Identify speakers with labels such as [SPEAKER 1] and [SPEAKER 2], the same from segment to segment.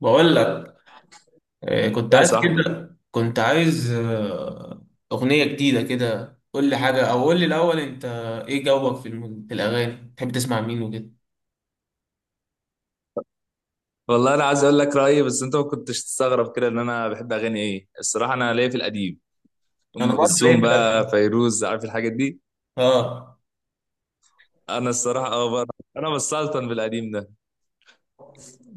[SPEAKER 1] بقول لك. آه، كنت
[SPEAKER 2] يا
[SPEAKER 1] عايز
[SPEAKER 2] صاحبي،
[SPEAKER 1] كده كنت عايز آه، أغنية جديدة كده. قول لي حاجة، أو قول لي الأول أنت إيه جوك في في الأغاني بتحب تسمع مين وكده.
[SPEAKER 2] والله انا عايز اقول لك رايي، بس انت ما كنتش تستغرب كده ان انا بحب اغاني ايه الصراحه. انا ليا في القديم
[SPEAKER 1] أنا
[SPEAKER 2] ام
[SPEAKER 1] برضه ليا
[SPEAKER 2] كلثوم،
[SPEAKER 1] في
[SPEAKER 2] بقى
[SPEAKER 1] القديم،
[SPEAKER 2] فيروز، عارف الحاجات دي.
[SPEAKER 1] آه.
[SPEAKER 2] انا الصراحه اه بقى، انا بسلطن بالقديم ده.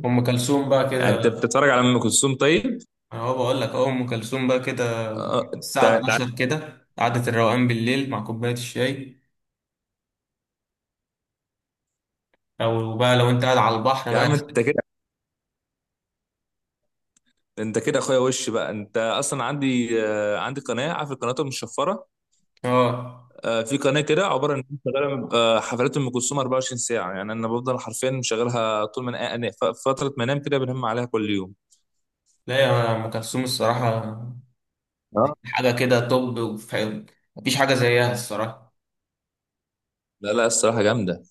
[SPEAKER 1] أم كلثوم بقى
[SPEAKER 2] يعني
[SPEAKER 1] كده.
[SPEAKER 2] انت بتتفرج على ام كلثوم طيب؟
[SPEAKER 1] أنا هو بقول لك أهو أم كلثوم بقى كده،
[SPEAKER 2] آه، انت
[SPEAKER 1] الساعة
[SPEAKER 2] أنت-
[SPEAKER 1] 12 كده، قعدة الروقان بالليل مع كوباية الشاي، أو بقى لو أنت قاعد على البحر
[SPEAKER 2] يا
[SPEAKER 1] بقى.
[SPEAKER 2] عم انت كده، انت كده اخويا، وش بقى انت اصلا، عندي عندي قناه، عارف القنوات المشفره.
[SPEAKER 1] آه،
[SPEAKER 2] في قناه كده عباره ان انت شغاله حفلات ام كلثوم 24 ساعه، يعني انا بفضل حرفيا مشغلها طول ما فتره ما انام كده بنهم عليها كل يوم.
[SPEAKER 1] لا يا أم كلثوم الصراحة حاجة كده توب، مفيش حاجة زيها الصراحة.
[SPEAKER 2] لا لا الصراحة جامدة.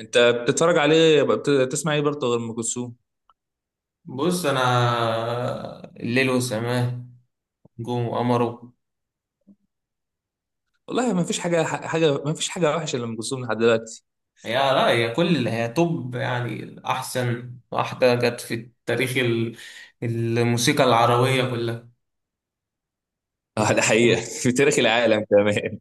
[SPEAKER 2] انت بتتفرج عليه، بتسمع ايه برضه غير ام كلثوم؟
[SPEAKER 1] بص انا، الليل وسماه، نجوم وقمره.
[SPEAKER 2] والله ما فيش حاجة، ما فيش حاجة وحشة لأم كلثوم لحد دلوقتي.
[SPEAKER 1] هي، لا هي كل، هي توب يعني، احسن واحده جت في تاريخ الموسيقى العربيه كلها. مش
[SPEAKER 2] اه ده حقيقة
[SPEAKER 1] برضه؟
[SPEAKER 2] في تاريخ العالم كمان،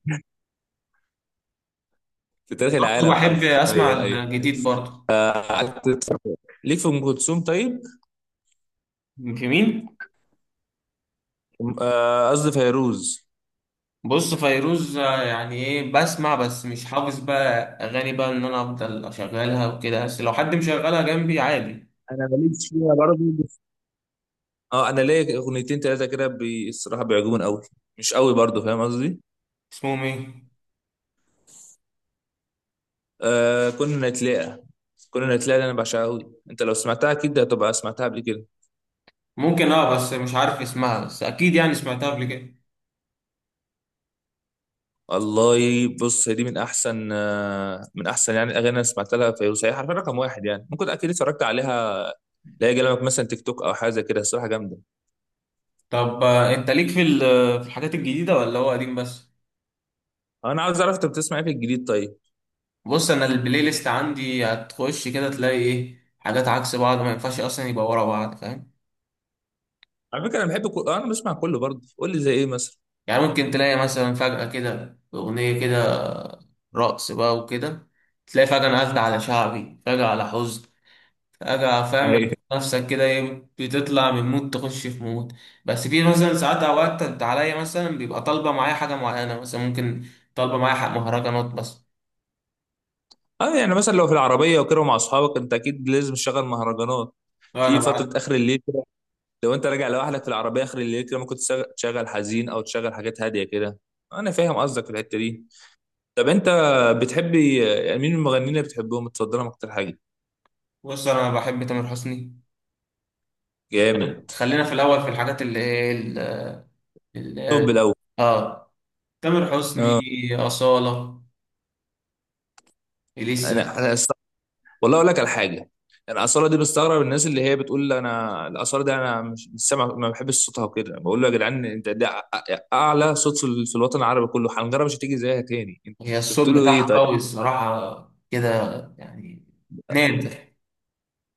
[SPEAKER 2] في تاريخ العالم
[SPEAKER 1] بحب اسمع
[SPEAKER 2] حرفيا ايوه.
[SPEAKER 1] الجديد برضه.
[SPEAKER 2] قعدت تتفرج ليك في ام كلثوم طيب؟
[SPEAKER 1] جميل.
[SPEAKER 2] قصدي فيروز.
[SPEAKER 1] بص فيروز، يعني ايه، بسمع بس مش حافظ بقى اغاني بقى، ان انا افضل اشغلها وكده، بس لو حد مشغلها جنبي عادي.
[SPEAKER 2] انا ماليش فيها برضه. اه انا ليا اغنيتين ثلاثه كده الصراحه بيعجبوني قوي، مش قوي برضه، فاهم قصدي؟
[SPEAKER 1] اسمهم ايه؟
[SPEAKER 2] كنا نتلاقى، كنا نتلاقى، اللي انا بعشقها قوي، انت لو سمعتها اكيد هتبقى سمعتها قبل كده.
[SPEAKER 1] ممكن اه، بس مش عارف اسمها، بس اكيد يعني سمعتها قبل كده.
[SPEAKER 2] والله بص، هي دي من احسن من احسن يعني الاغاني اللي أنا سمعت لها فيروز، هي حرفيا رقم واحد، يعني ممكن اكيد اتفرجت عليها، لا يجي لك مثلا تيك توك او حاجه زي كده، الصراحه جامده.
[SPEAKER 1] طب انت ليك في في الحاجات الجديده ولا هو قديم بس؟
[SPEAKER 2] انا عاوز اعرف انت بتسمع ايه في الجديد طيب؟
[SPEAKER 1] بص انا البلاي ليست عندي هتخش كده تلاقي ايه، حاجات عكس بعض ما ينفعش اصلا يبقى ورا بعض، فاهم؟
[SPEAKER 2] على فكره انا بحب كل... آه، انا بسمع كله برضه، قول لي زي ايه مثلا.
[SPEAKER 1] يعني ممكن تلاقي مثلا فجاه كده اغنيه كده رقص بقى وكده، تلاقي فجاه انا قاعد على شعبي، فجاه على حزن، فجاه، فاهم؟
[SPEAKER 2] أيوة.
[SPEAKER 1] نفسك كده ايه، بتطلع من مود تخش في مود. بس في مثلا ساعات، اوقات انت عليا مثلا بيبقى طالبه معايا حاجه معينه، مثلا ممكن طالبه معايا حق مهرجانات بس.
[SPEAKER 2] اه يعني مثلا لو في العربيه وكده ومع اصحابك، انت اكيد لازم تشغل مهرجانات.
[SPEAKER 1] انا
[SPEAKER 2] في فتره
[SPEAKER 1] بع-
[SPEAKER 2] اخر الليل كده، لو انت راجع لوحدك في العربيه اخر الليل كده، ممكن تشغل حزين، او تشغل حاجات هاديه كده. انا فاهم قصدك في الحته دي. طب انت، بتحبي يعني مين المغنيين اللي بتحبهم متصدرهم اكتر حاجه؟
[SPEAKER 1] بص انا بحب تامر حسني.
[SPEAKER 2] جامد.
[SPEAKER 1] خلينا في الاول في الحاجات اللي ايه
[SPEAKER 2] طب
[SPEAKER 1] ال-
[SPEAKER 2] الاول،
[SPEAKER 1] اه، تامر حسني، أصالة، إليسا.
[SPEAKER 2] انا انا است- والله اقول لك على حاجه. انا اصاله دي بستغرب الناس اللي هي بتقول انا الاصاله ده، انا مش سامع، ما بحبش صوتها وكده، بقول له يا جدعان انت ده اعلى صوت في في الوطن العربي كله، حنجره مش هتيجي زيها تاني. انت
[SPEAKER 1] هي الصوت
[SPEAKER 2] بتقولوا ايه
[SPEAKER 1] بتاعها
[SPEAKER 2] طيب؟
[SPEAKER 1] قوي الصراحة كده، يعني نادر.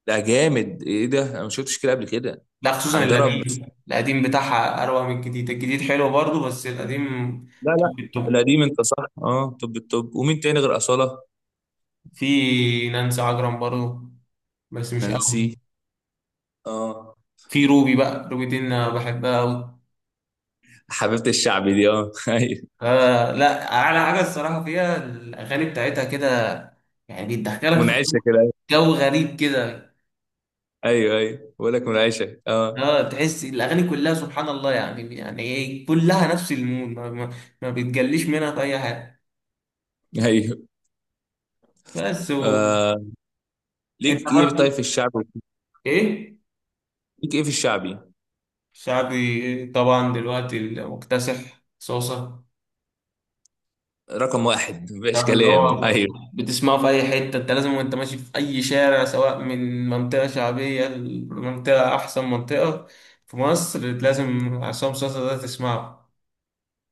[SPEAKER 2] ده جامد، ايه ده، انا ما شفتش كده قبل كده.
[SPEAKER 1] لا خصوصا
[SPEAKER 2] حنجره بس.
[SPEAKER 1] القديم، القديم بتاعها أروع من الجديد، الجديد حلو برضه بس القديم
[SPEAKER 2] لا لا
[SPEAKER 1] توب التوب.
[SPEAKER 2] القديم انت صح. اه طب ومين تاني غير اصاله؟
[SPEAKER 1] في نانسي عجرم برضه، بس مش
[SPEAKER 2] نانسي
[SPEAKER 1] قوي.
[SPEAKER 2] اه.
[SPEAKER 1] في روبي بقى، روبي دي أنا بحبها أوي.
[SPEAKER 2] حبيبه الشعب دي اه
[SPEAKER 1] آه، لا اعلى حاجه الصراحه فيها، الاغاني بتاعتها كده يعني بتدخلك في جو،
[SPEAKER 2] منعشه كده.
[SPEAKER 1] جو غريب كده.
[SPEAKER 2] ايوه ايوه بقول لك منعشه اه،
[SPEAKER 1] اه تحس الاغاني كلها سبحان الله، يعني يعني ايه، كلها نفس المود، ما بتجليش منها في اي حاجه.
[SPEAKER 2] ايوه.
[SPEAKER 1] بس و...
[SPEAKER 2] آه.
[SPEAKER 1] انت
[SPEAKER 2] ليك ايه طيب
[SPEAKER 1] برضو
[SPEAKER 2] في الشعبي؟
[SPEAKER 1] ايه؟
[SPEAKER 2] ليك ايه في الشعبي؟
[SPEAKER 1] شعبي طبعا دلوقتي المكتسح صوصه،
[SPEAKER 2] رقم واحد مفيش
[SPEAKER 1] يعني اللي
[SPEAKER 2] كلام
[SPEAKER 1] هو
[SPEAKER 2] ايوه.
[SPEAKER 1] بتسمعه في أي حتة. أنت لازم وأنت ماشي في أي شارع، سواء من منطقة شعبية لمنطقة أحسن منطقة في مصر، لازم عصام صاصا ده تسمعه.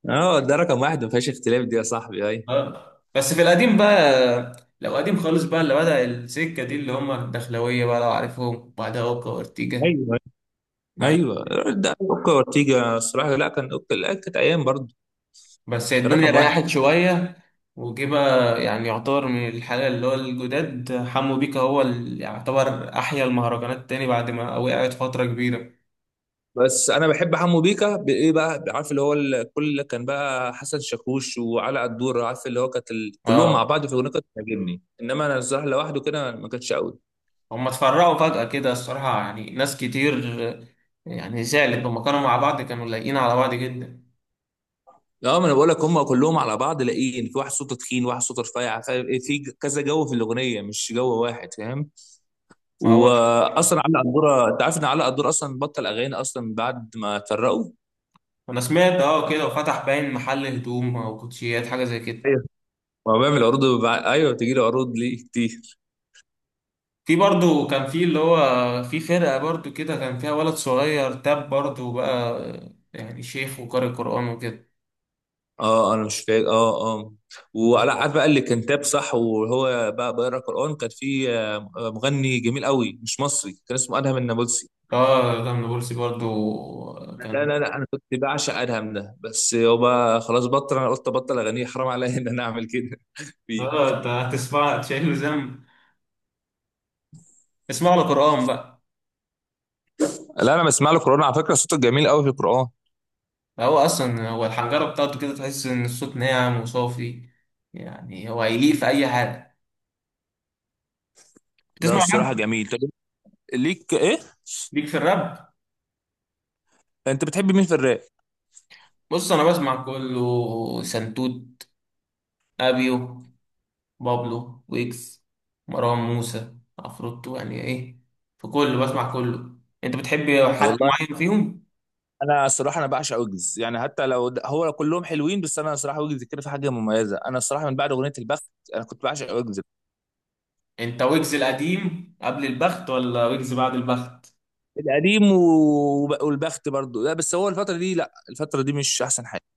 [SPEAKER 2] اه ده رقم واحد ما فيهاش اختلاف دي يا صاحبي، ايوه.
[SPEAKER 1] أه بس في القديم بقى، لو قديم خالص بقى، اللي بدأ السكة دي اللي هم الدخلوية بقى لو عارفهم، بعدها أوكا وأورتيجا،
[SPEAKER 2] ايوه
[SPEAKER 1] بعد.
[SPEAKER 2] ايوه، ده اوكا اورتيجا الصراحه، لا كان اوكا، لا كانت ايام برضه،
[SPEAKER 1] بس
[SPEAKER 2] كان
[SPEAKER 1] الدنيا
[SPEAKER 2] رقم واحد.
[SPEAKER 1] ريحت شوية. وجه بقى يعني يعتبر من الحالة اللي هو الجداد، حمو بيكا هو اللي يعتبر أحيا المهرجانات تاني بعد ما وقعت فترة كبيرة.
[SPEAKER 2] بس انا بحب حمو بيكا بايه بقى، عارف اللي هو الكل كان بقى حسن شاكوش وعلاء الدور، عارف اللي هو كانت كلهم
[SPEAKER 1] اه
[SPEAKER 2] مع بعض في الاغنيه كانت بتعجبني، انما انا الصراحه لوحده كده ما كانتش قوي.
[SPEAKER 1] هم اتفرقوا فجأة كده الصراحة، يعني ناس كتير آه، يعني زعلت. لما كانوا مع بعض كانوا لايقين على بعض جدا.
[SPEAKER 2] اه، ما انا بقول لك هم كلهم على بعض لاقيين، في واحد صوته تخين واحد صوته رفيع، في كذا جو في الاغنيه مش جو واحد فاهم.
[SPEAKER 1] ما هو ده،
[SPEAKER 2] واصلا علي قدوره، انت عارف ان علي قدوره اصلا بطل اغاني اصلا بعد ما اتفرقوا؟
[SPEAKER 1] انا سمعت اه كده وفتح باين محل هدوم او كوتشيات حاجة زي كده.
[SPEAKER 2] ايوه، هو بيعمل عروض ايوه بتجي له عروض ليه كتير.
[SPEAKER 1] في برضو كان في اللي هو في فرقة برضو كده، كان فيها ولد صغير تاب برضو بقى، يعني شيخ وقارئ قرآن وكده.
[SPEAKER 2] اه انا مش فاكر، اه اه. وعلى عارف بقى اللي كان تاب صح وهو بقى بيقرا قران، كان في مغني جميل قوي مش مصري كان اسمه ادهم النابلسي.
[SPEAKER 1] اه ده من بولسي برضو
[SPEAKER 2] لا
[SPEAKER 1] كان.
[SPEAKER 2] لا لا انا كنت بعشق ادهم ده، بس يابا خلاص بطل، انا قلت ابطل اغنيه، حرام عليا ان انا اعمل كده. فيه.
[SPEAKER 1] اه انت هتسمع تشيل له ذنب، اسمع له قرآن بقى.
[SPEAKER 2] لا انا بسمع له قران على فكره، صوته جميل قوي في القران.
[SPEAKER 1] هو اصلا هو الحنجره بتاعته كده، تحس ان الصوت ناعم وصافي، يعني هو هيليق في اي حاجه.
[SPEAKER 2] لا
[SPEAKER 1] بتسمع
[SPEAKER 2] الصراحه
[SPEAKER 1] راب؟
[SPEAKER 2] جميل. طب ليك ايه،
[SPEAKER 1] ليك في الراب؟
[SPEAKER 2] انت بتحب مين في الراب؟
[SPEAKER 1] بص انا بسمع كله، سنتوت، ابيو، بابلو، ويجز، مروان موسى، عفروتو، يعني ايه، في كله بسمع كله. انت بتحب حد
[SPEAKER 2] والله
[SPEAKER 1] معين فيهم؟
[SPEAKER 2] انا الصراحه انا بعشق ويجز، يعني حتى لو هو كلهم حلوين، بس انا الصراحه ويجز كده في حاجه مميزه، انا الصراحه من بعد اغنيه البخت انا كنت بعشق ويجز.
[SPEAKER 1] انت ويجز القديم قبل البخت ولا ويجز بعد البخت؟
[SPEAKER 2] القديم والبخت برضو، لا بس هو الفتره دي، لا الفتره دي مش احسن حاجه.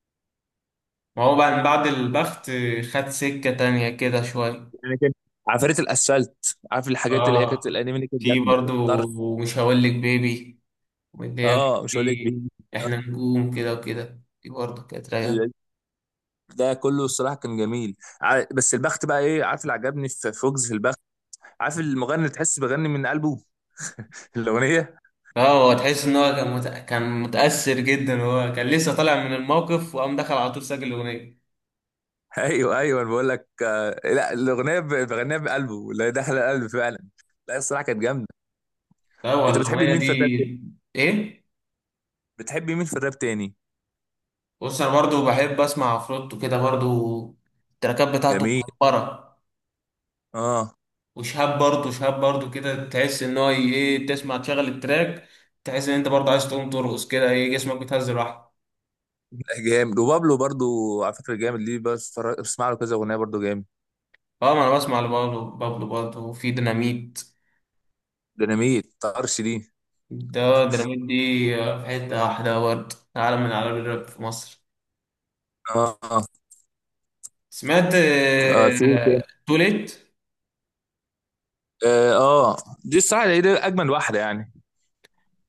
[SPEAKER 1] ما هو بعد بعد البخت خد سكه تانية كده شويه.
[SPEAKER 2] يعني كان عفاريت الاسفلت، عارف الحاجات اللي هي كانت
[SPEAKER 1] اه
[SPEAKER 2] الانمي اللي كانت
[SPEAKER 1] في
[SPEAKER 2] جامده
[SPEAKER 1] برضو،
[SPEAKER 2] طرش.
[SPEAKER 1] ومش هقول لك بيبي، واللي هي
[SPEAKER 2] اه
[SPEAKER 1] كانت
[SPEAKER 2] مش هقول لك
[SPEAKER 1] في
[SPEAKER 2] مين.
[SPEAKER 1] احنا نجوم كده وكده، دي برضو كانت رايقة.
[SPEAKER 2] ال- ده كله الصراحه كان جميل بس البخت بقى ايه، عارف اللي عجبني في فوكس في وجز البخت، عارف المغني اللي تحس بغني من قلبه الاغنيه؟
[SPEAKER 1] اه هو تحس ان هو كان كان متأثر جدا، هو كان لسه طالع من الموقف وقام دخل على طول سجل الأغنية.
[SPEAKER 2] ايوه ايوه انا بقول لك، لا الاغنيه بغنيها بقلبه اللي هي داخله القلب فعلا، لا الصراحه كانت جامده.
[SPEAKER 1] لا هو
[SPEAKER 2] انت بتحبي
[SPEAKER 1] الأغنية
[SPEAKER 2] مين
[SPEAKER 1] دي
[SPEAKER 2] في الراب تاني؟
[SPEAKER 1] ايه.
[SPEAKER 2] بتحبي مين في الراب تاني؟
[SPEAKER 1] بص انا برضو بحب اسمع عفروتو كده برضو، التراكات بتاعته
[SPEAKER 2] جميل
[SPEAKER 1] مهبرة.
[SPEAKER 2] اه.
[SPEAKER 1] وشهاب برضو، شهاب برضو كده تحس ان هو ايه، تسمع تشغل التراك تحس ان انت برضو عايز تقوم ترقص كده، ايه جسمك بيتهز لوحده.
[SPEAKER 2] لا، جامد وبابلو برضو، على فكره جامد ليه، بس بسمع له كذا اغنيه برضو جامد.
[SPEAKER 1] اه ما انا بسمع لبابلو، بابلو برضه. وفي ديناميت،
[SPEAKER 2] ديناميت طرش دي
[SPEAKER 1] ده ديناميت دي آه، في حتة واحدة برضه، عالم من أعلام الراب في مصر.
[SPEAKER 2] اه،
[SPEAKER 1] سمعت
[SPEAKER 2] اه في إيه تاني؟
[SPEAKER 1] آه، توليت.
[SPEAKER 2] اه. آه، دي الصراحه هي دي اجمل واحده يعني.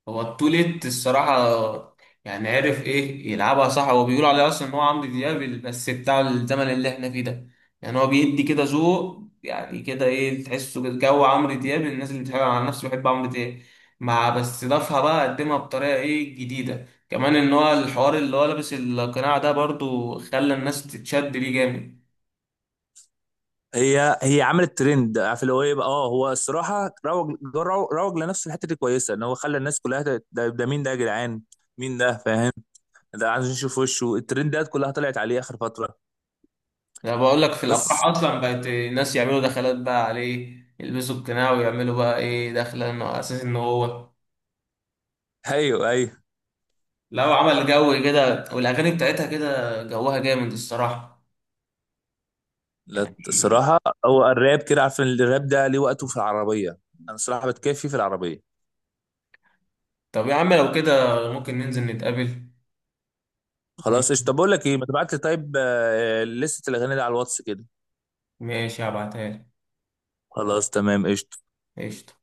[SPEAKER 1] هو التوليت الصراحة يعني عرف ايه يلعبها صح. هو بيقول عليه اصلا ان هو عمرو دياب بس بتاع الزمن اللي احنا فيه ده، يعني هو بيدي كده ذوق، يعني كده ايه، تحسه كده جو عمرو دياب. الناس اللي بتحب، على نفسي بحب عمرو دياب، مع بس ضافها بقى قدمها بطريقة ايه جديدة كمان، ان هو الحوار اللي هو لابس القناع ده برضو خلى الناس تتشد ليه جامد.
[SPEAKER 2] هي عملت ترند، عارف اللي هو ايه بقى، اه هو الصراحه روج روج روج لنفسه، الحته دي كويسه ان هو خلى الناس كلها ده مين ده يا جدعان، مين ده فاهم، ده عايز نشوف وشه، الترندات كلها طلعت عليه اخر فتره.
[SPEAKER 1] انا بقول لك في الافراح
[SPEAKER 2] بس
[SPEAKER 1] اصلا بقت الناس يعملوا دخلات بقى عليه، يلبسوا القناع ويعملوا بقى ايه دخلة، انه على اساس ان هو
[SPEAKER 2] ايوه ايوه،
[SPEAKER 1] لو عمل جو كده والاغاني بتاعتها كده جوها جامد الصراحه،
[SPEAKER 2] لا
[SPEAKER 1] يعني
[SPEAKER 2] الصراحه هو الراب كده، عارف إن الراب ده ليه وقته في العربيه، انا الصراحه بتكفي في العربيه.
[SPEAKER 1] طب يا عم لو كده ممكن ننزل نتقابل.
[SPEAKER 2] خلاص قشطه. طب بقول لك ايه، ما تبعت لي طيب لسته الاغاني دي على الواتس كده.
[SPEAKER 1] ماشي هبعتها لك.
[SPEAKER 2] خلاص تمام قشطه.
[SPEAKER 1] قشطه.